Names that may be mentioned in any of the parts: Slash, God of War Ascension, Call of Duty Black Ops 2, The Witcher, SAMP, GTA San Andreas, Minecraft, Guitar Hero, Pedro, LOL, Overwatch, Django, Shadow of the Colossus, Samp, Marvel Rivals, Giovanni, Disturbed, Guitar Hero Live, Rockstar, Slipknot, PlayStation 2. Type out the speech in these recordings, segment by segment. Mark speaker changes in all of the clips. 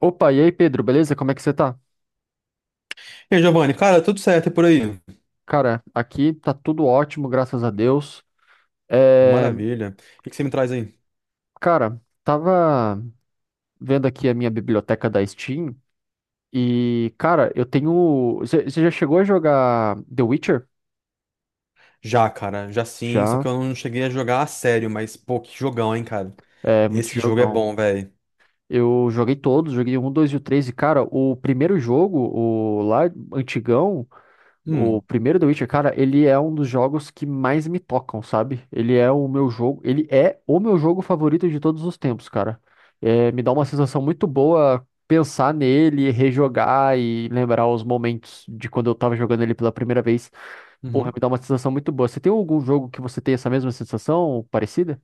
Speaker 1: Opa, e aí, Pedro, beleza? Como é que você tá?
Speaker 2: E aí, Giovanni, cara, tudo certo é por aí?
Speaker 1: Cara, aqui tá tudo ótimo, graças a Deus. É,
Speaker 2: Maravilha. O que que você me traz aí?
Speaker 1: cara, tava vendo aqui a minha biblioteca da Steam e, cara, eu tenho. Você já chegou a jogar The Witcher?
Speaker 2: Já, cara, já sim, só que
Speaker 1: Já,
Speaker 2: eu não cheguei a jogar a sério, mas pô, que jogão, hein, cara.
Speaker 1: é muito
Speaker 2: Esse jogo é
Speaker 1: jogão.
Speaker 2: bom, velho.
Speaker 1: Eu joguei todos, joguei um, 2 e o 3, e, cara, o primeiro jogo, o lá antigão. O
Speaker 2: Hum,
Speaker 1: primeiro The Witcher, cara, ele é um dos jogos que mais me tocam, sabe? Ele é o meu jogo favorito de todos os tempos, cara. É, me dá uma sensação muito boa pensar nele, rejogar e lembrar os momentos de quando eu tava jogando ele pela primeira vez. Porra,
Speaker 2: uhum.
Speaker 1: me dá uma sensação muito boa. Você tem algum jogo que você tem essa mesma sensação, parecida?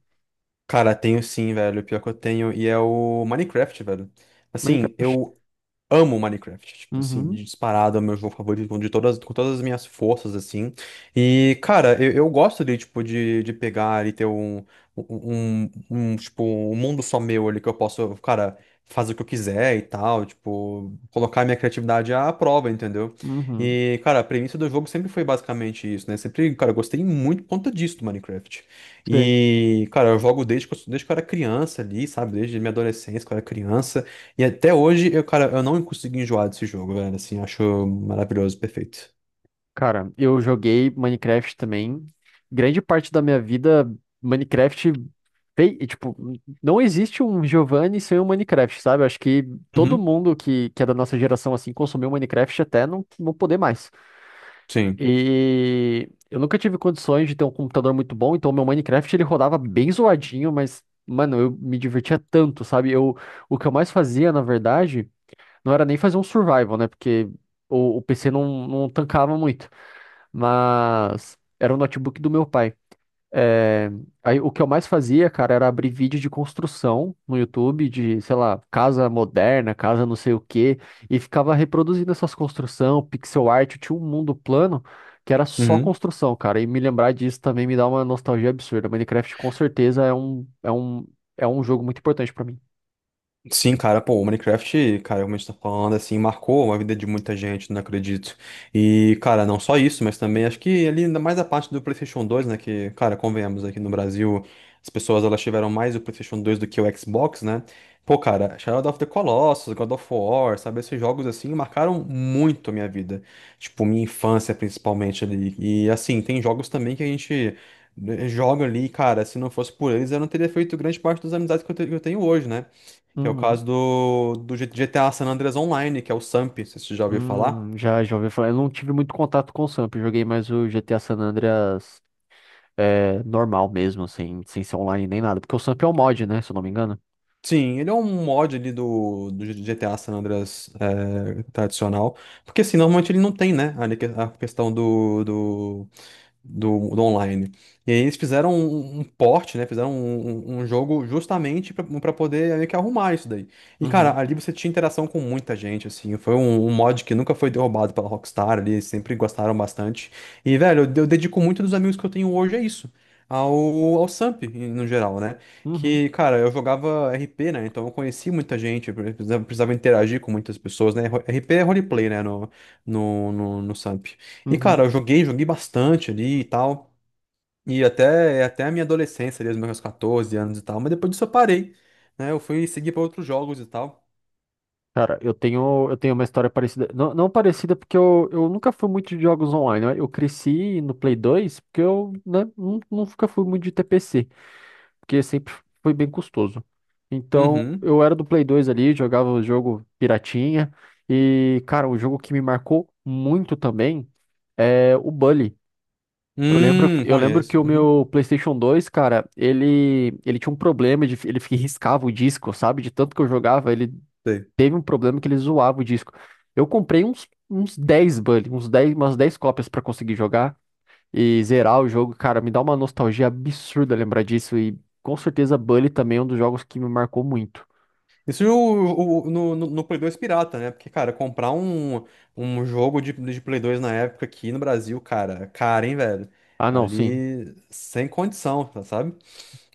Speaker 2: Cara, tenho sim, velho, pior que eu tenho, e é o Minecraft, velho. Assim,
Speaker 1: Minecraft.
Speaker 2: eu amo Minecraft, tipo assim,
Speaker 1: Uhum,
Speaker 2: disparado, é meu jogo favorito de todas, com todas as minhas forças, assim. E, cara, eu gosto de, tipo, de pegar e ter um, tipo, um mundo só meu ali que eu posso, cara, fazer o que eu quiser e tal, tipo, colocar minha criatividade à prova, entendeu?
Speaker 1: uhum.
Speaker 2: E, cara, a premissa do jogo sempre foi basicamente isso, né? Sempre, cara, eu gostei muito por conta disso do Minecraft.
Speaker 1: Sei.
Speaker 2: E, cara, eu jogo desde que eu era criança ali, sabe? Desde minha adolescência, que eu era criança. E até hoje, eu, cara, eu não consegui enjoar desse jogo, velho. Assim, acho maravilhoso, perfeito.
Speaker 1: Cara, eu joguei Minecraft também. Grande parte da minha vida, Minecraft, e, tipo, não existe um Giovanni sem um Minecraft, sabe? Acho que todo
Speaker 2: Uhum.
Speaker 1: mundo que é da nossa geração, assim, consumiu Minecraft até não poder mais.
Speaker 2: Sim.
Speaker 1: E eu nunca tive condições de ter um computador muito bom, então meu Minecraft, ele rodava bem zoadinho, mas, mano, eu me divertia tanto, sabe? O que eu mais fazia, na verdade, não era nem fazer um survival, né? Porque o PC não tancava muito. Mas era o notebook do meu pai. É, aí o que eu mais fazia, cara, era abrir vídeo de construção no YouTube, de, sei lá, casa moderna, casa não sei o quê, e ficava reproduzindo essas construções, pixel art, eu tinha um mundo plano que era só
Speaker 2: Uhum.
Speaker 1: construção, cara, e me lembrar disso também me dá uma nostalgia absurda. Minecraft com certeza é um jogo muito importante pra mim.
Speaker 2: Sim, cara, pô, o Minecraft, cara, como a gente tá falando, assim, marcou a vida de muita gente, não acredito. E, cara, não só isso, mas também acho que ali ainda mais a parte do PlayStation 2, né, que, cara, convenhamos, aqui no Brasil, as pessoas, elas tiveram mais o PlayStation 2 do que o Xbox, né? Pô, cara, Shadow of the Colossus, God of War, sabe, esses jogos, assim, marcaram muito a minha vida. Tipo, minha infância, principalmente, ali. E, assim, tem jogos também que a gente... joga ali, cara. Se não fosse por eles, eu não teria feito grande parte das amizades que eu te- que eu tenho hoje, né? Que é o
Speaker 1: Uhum.
Speaker 2: caso do GTA San Andreas Online, que é o SAMP, se você já ouviu falar.
Speaker 1: Já, já ouvi falar. Eu não tive muito contato com o Samp, eu joguei mais o GTA San Andreas é, normal mesmo, sem ser online nem nada. Porque o Samp é um mod, né? Se eu não me engano.
Speaker 2: Sim, ele é um mod ali do, do GTA San Andreas é, tradicional. Porque assim, normalmente ele não tem, né? Ali que- a questão do online. E aí eles fizeram um, um port, né? Fizeram um jogo justamente para poder meio que arrumar isso daí. E, cara,
Speaker 1: Uhum,
Speaker 2: ali você tinha interação com muita gente, assim. Foi um, um mod que nunca foi derrubado pela Rockstar ali, eles sempre gostaram bastante. E, velho, eu dedico muito dos amigos que eu tenho hoje a isso. Ao, ao Samp, em- no geral, né?
Speaker 1: uhum,
Speaker 2: Que, cara, eu jogava RP, né? Então eu conheci muita gente, eu precisava, precisava interagir com muitas pessoas, né? Ro- RP é roleplay, né? No, no Samp. E, cara,
Speaker 1: uhum.
Speaker 2: eu joguei, joguei bastante ali e tal. E até, é até a minha adolescência, ali, os meus 14 anos e tal. Mas depois disso eu parei, né? Eu fui seguir para outros jogos e tal.
Speaker 1: Cara, eu tenho uma história parecida. Não, não parecida, porque eu nunca fui muito de jogos online, né? Eu cresci no Play 2 porque eu, né, nunca fui muito de TPC porque sempre foi bem custoso. Então,
Speaker 2: Uhum.
Speaker 1: eu era do Play 2 ali, jogava o jogo piratinha. E, cara, um jogo que me marcou muito também é o Bully. Eu lembro, eu lembro que
Speaker 2: Conheço.
Speaker 1: o
Speaker 2: Uhum.
Speaker 1: meu PlayStation 2, cara, ele tinha um problema de, ele riscava o disco, sabe? De tanto que eu jogava, ele
Speaker 2: Sei.
Speaker 1: teve um problema que ele zoava o disco. Eu comprei uns 10 Bully, umas 10 cópias pra conseguir jogar e zerar o jogo, cara, me dá uma nostalgia absurda lembrar disso. E com certeza Bully também é um dos jogos que me marcou muito.
Speaker 2: Isso o- no Play 2 pirata, né? Porque, cara, comprar um, um jogo de Play 2 na época aqui no Brasil, cara, cara, hein, velho?
Speaker 1: Ah, não, sim.
Speaker 2: Ali, sem condição, tá, sabe?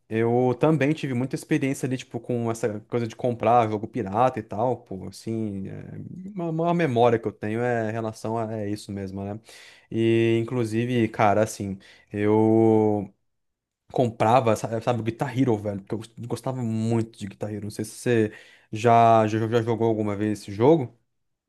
Speaker 2: Eu também tive muita experiência ali, tipo, com essa coisa de comprar jogo pirata e tal, pô, assim, é, uma memória que eu tenho é em relação a é isso mesmo, né? E, inclusive, cara, assim, eu comprava, sa- sabe, o Guitar Hero, velho, porque eu gos- gostava muito de Guitar Hero, não sei se você já jogou alguma vez esse jogo.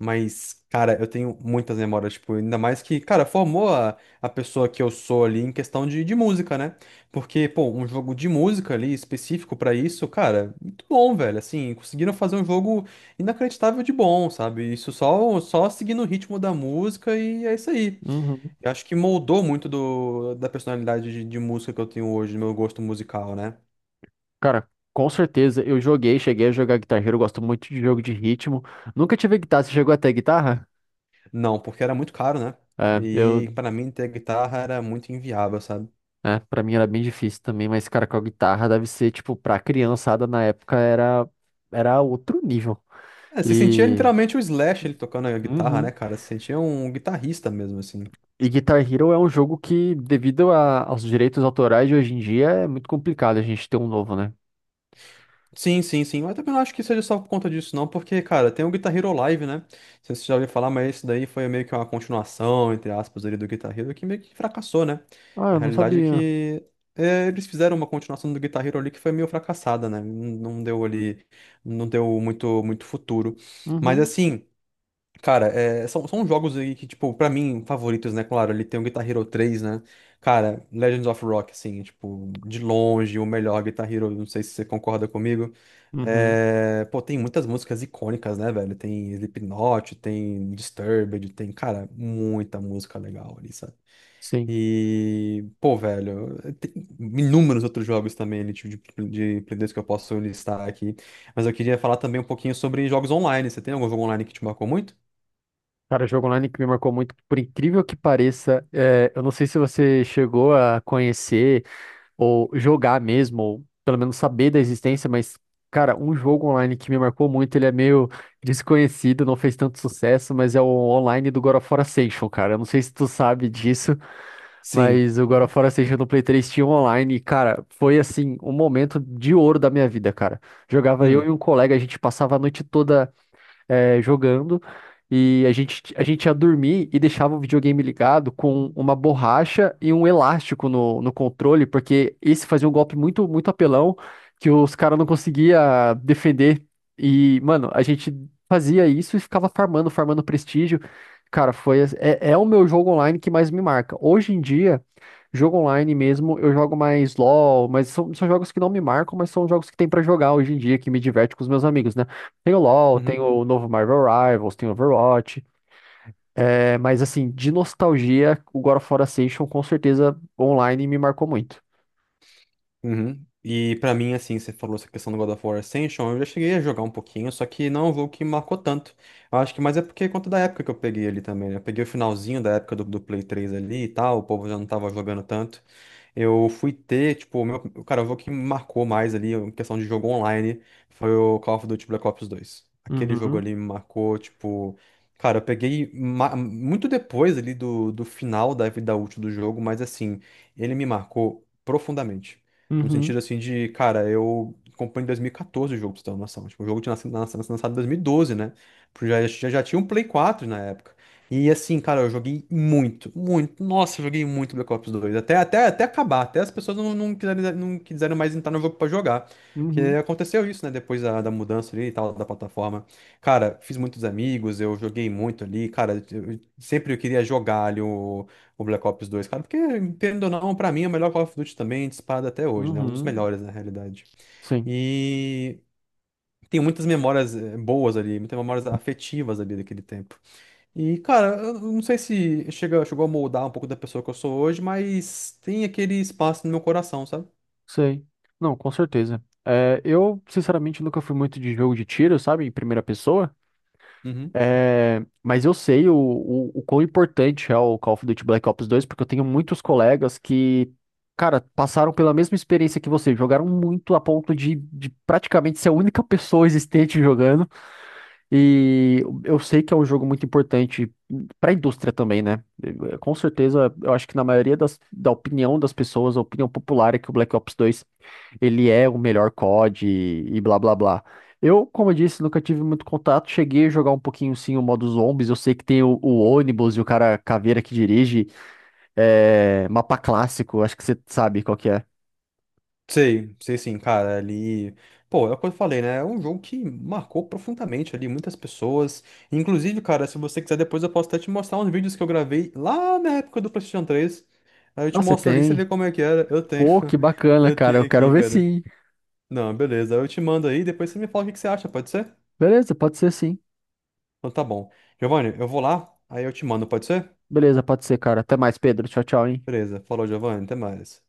Speaker 2: Mas, cara, eu tenho muitas memórias, tipo, ainda mais que, cara, formou a pessoa que eu sou ali em questão de música, né? Porque, pô, um jogo de música ali específico pra isso, cara, muito bom, velho. Assim, conseguiram fazer um jogo inacreditável de bom, sabe? Isso só, só seguindo o ritmo da música e é isso aí.
Speaker 1: Uhum.
Speaker 2: Eu acho que moldou muito do, da personalidade de música que eu tenho hoje, do meu gosto musical, né?
Speaker 1: Cara, com certeza eu joguei, cheguei a jogar Guitar Hero, eu gosto muito de jogo de ritmo. Nunca tive guitarra, você chegou até guitarra?
Speaker 2: Não, porque era muito caro, né?
Speaker 1: É,
Speaker 2: E pra mim ter guitarra era muito inviável, sabe?
Speaker 1: é, pra mim era bem difícil também, mas, cara, com a guitarra deve ser, tipo, pra criançada na época era outro nível.
Speaker 2: É, você sentia
Speaker 1: E.
Speaker 2: literalmente o Slash ele tocando a guitarra, né,
Speaker 1: Uhum.
Speaker 2: cara? Você sentia um guitarrista mesmo, assim.
Speaker 1: E Guitar Hero é um jogo que, devido aos direitos autorais de hoje em dia, é muito complicado a gente ter um novo, né?
Speaker 2: Sim, sim, sim. Mas também não acho que seja só por conta disso, não, porque, cara, tem o Guitar Hero Live, né? Não sei se você já ouviu falar, mas isso daí foi meio que uma continuação, entre aspas, ali do Guitar Hero, que meio que fracassou, né?
Speaker 1: Ah,
Speaker 2: A
Speaker 1: eu não
Speaker 2: realidade é
Speaker 1: sabia.
Speaker 2: que é, eles fizeram uma continuação do Guitar Hero ali que foi meio fracassada, né? Não deu ali, não deu muito, muito futuro. Mas
Speaker 1: Uhum,
Speaker 2: assim. Cara, é, são, são jogos aí que, tipo, pra mim, favoritos, né? Claro, ele tem o Guitar Hero 3, né? Cara, Legends of Rock, assim, tipo, de longe, o melhor Guitar Hero, não sei se você concorda comigo.
Speaker 1: uhum,
Speaker 2: É, pô, tem muitas músicas icônicas, né, velho? Tem Slipknot, tem Disturbed, tem, cara, muita música legal ali, sabe?
Speaker 1: sim.
Speaker 2: E, pô, velho, tem inúmeros outros jogos também, ali, tipo, de Play 2 que eu posso listar aqui. Mas eu queria falar também um pouquinho sobre jogos online. Você tem algum jogo online que te marcou muito?
Speaker 1: Cara, jogo online que me marcou muito, por incrível que pareça, é, eu não sei se você chegou a conhecer ou jogar mesmo, ou pelo menos saber da existência, mas, cara, um jogo online que me marcou muito, ele é meio desconhecido, não fez tanto sucesso, mas é o online do God of War Ascension, cara. Eu não sei se tu sabe disso.
Speaker 2: Sim.
Speaker 1: Mas o God
Speaker 2: Uhum.
Speaker 1: of War Ascension no Play 3 tinha um online, e, cara, foi assim, um momento de ouro da minha vida, cara. Jogava eu e
Speaker 2: Hum,
Speaker 1: um colega, a gente passava a noite toda jogando. E a gente ia dormir e deixava o videogame ligado com uma borracha e um elástico no controle, porque esse fazia um golpe muito, muito apelão que os caras não conseguiam defender. E, mano, a gente fazia isso e ficava farmando, farmando prestígio. Cara, é o meu jogo online que mais me marca. Hoje em dia, jogo online mesmo, eu jogo mais LOL, mas são jogos que não me marcam, mas são jogos que tem pra jogar hoje em dia, que me diverte com os meus amigos, né? Tem o LoL, tem
Speaker 2: uhum,
Speaker 1: o novo Marvel Rivals, tem o Overwatch. É, mas assim, de nostalgia, o God of War Ascension com certeza online me marcou muito.
Speaker 2: uhum. E pra mim, assim, você falou essa questão do God of War Ascension, eu já cheguei a jogar um pouquinho, só que não é um jogo que marcou tanto. Eu acho que mais é porque conta da época que eu peguei ali também, né? Eu peguei o finalzinho da época do, do Play 3 ali e tal, o povo já não tava jogando tanto. Eu fui ter, tipo, o meu, cara, o jogo que me marcou mais ali, em questão de jogo online, foi o Call of Duty Black Ops 2. Aquele jogo
Speaker 1: Uhum,
Speaker 2: ali me marcou, tipo, cara, eu peguei ma- muito depois ali do, do final da vida útil do jogo, mas assim, ele me marcou profundamente. No
Speaker 1: uhum,
Speaker 2: sentido assim de, cara, eu comprei em 2014 o jogo, pra você ter uma noção. Tipo, o jogo tinha nascido, nascido- lançado em 2012, né? Tipo, já tinha um Play 4 na época. E assim, cara, eu joguei muito, muito. Nossa, eu joguei muito Black Ops 2 até, até, até acabar, até as pessoas não, não quiseram mais entrar no jogo pra jogar. Porque
Speaker 1: uhum,
Speaker 2: aconteceu isso, né? Depois da, da mudança ali e tal, da plataforma. Cara, fiz muitos amigos, eu joguei muito ali. Cara, eu- sempre eu queria jogar ali o Black Ops 2, cara. Porque, querendo ou não, pra mim é o melhor Call of Duty também, disparado até hoje,
Speaker 1: uhum.
Speaker 2: né? Um dos
Speaker 1: Uhum.
Speaker 2: melhores, na realidade.
Speaker 1: Sim.
Speaker 2: E. Tem muitas memórias boas ali, muitas memórias afetivas ali daquele tempo. E, cara, eu não sei se chega, chegou a moldar um pouco da pessoa que eu sou hoje, mas tem aquele espaço no meu coração, sabe?
Speaker 1: Sei. Não, com certeza. É, eu, sinceramente, nunca fui muito de jogo de tiro, sabe? Em primeira pessoa.
Speaker 2: Uhum.
Speaker 1: Mas eu sei o quão importante é o Call of Duty Black Ops dois, porque eu tenho muitos colegas que, cara, passaram pela mesma experiência que você. Jogaram muito a ponto de praticamente ser a única pessoa existente jogando. E eu sei que é um jogo muito importante pra indústria também, né? Com certeza, eu acho que na maioria da opinião das pessoas, a opinião popular é que o Black Ops 2 ele é o melhor COD e blá blá blá. Eu, como eu disse, nunca tive muito contato. Cheguei a jogar um pouquinho sim o modo zombies. Eu sei que tem o ônibus e o cara caveira que dirige. É, mapa clássico, acho que você sabe qual que é.
Speaker 2: Sei, sei sim, cara, ali. Pô, é o que eu falei, né? É um jogo que marcou profundamente ali muitas pessoas. Inclusive, cara, se você quiser, depois eu posso até te mostrar uns vídeos que eu gravei lá na época do PlayStation 3. Aí eu
Speaker 1: Ah,
Speaker 2: te
Speaker 1: você
Speaker 2: mostro ali, você vê
Speaker 1: tem?
Speaker 2: como é que era. Eu tenho.
Speaker 1: Pô, que bacana,
Speaker 2: Eu
Speaker 1: cara.
Speaker 2: tenho
Speaker 1: Eu quero
Speaker 2: aqui,
Speaker 1: ver
Speaker 2: cara.
Speaker 1: sim.
Speaker 2: Não, beleza. Eu te mando aí, depois você me fala o que que você acha, pode ser?
Speaker 1: Beleza, pode ser sim.
Speaker 2: Então tá bom. Giovanni, eu vou lá, aí eu te mando, pode ser?
Speaker 1: Beleza, pode ser, cara. Até mais, Pedro. Tchau, tchau, hein?
Speaker 2: Beleza. Falou, Giovanni. Até mais.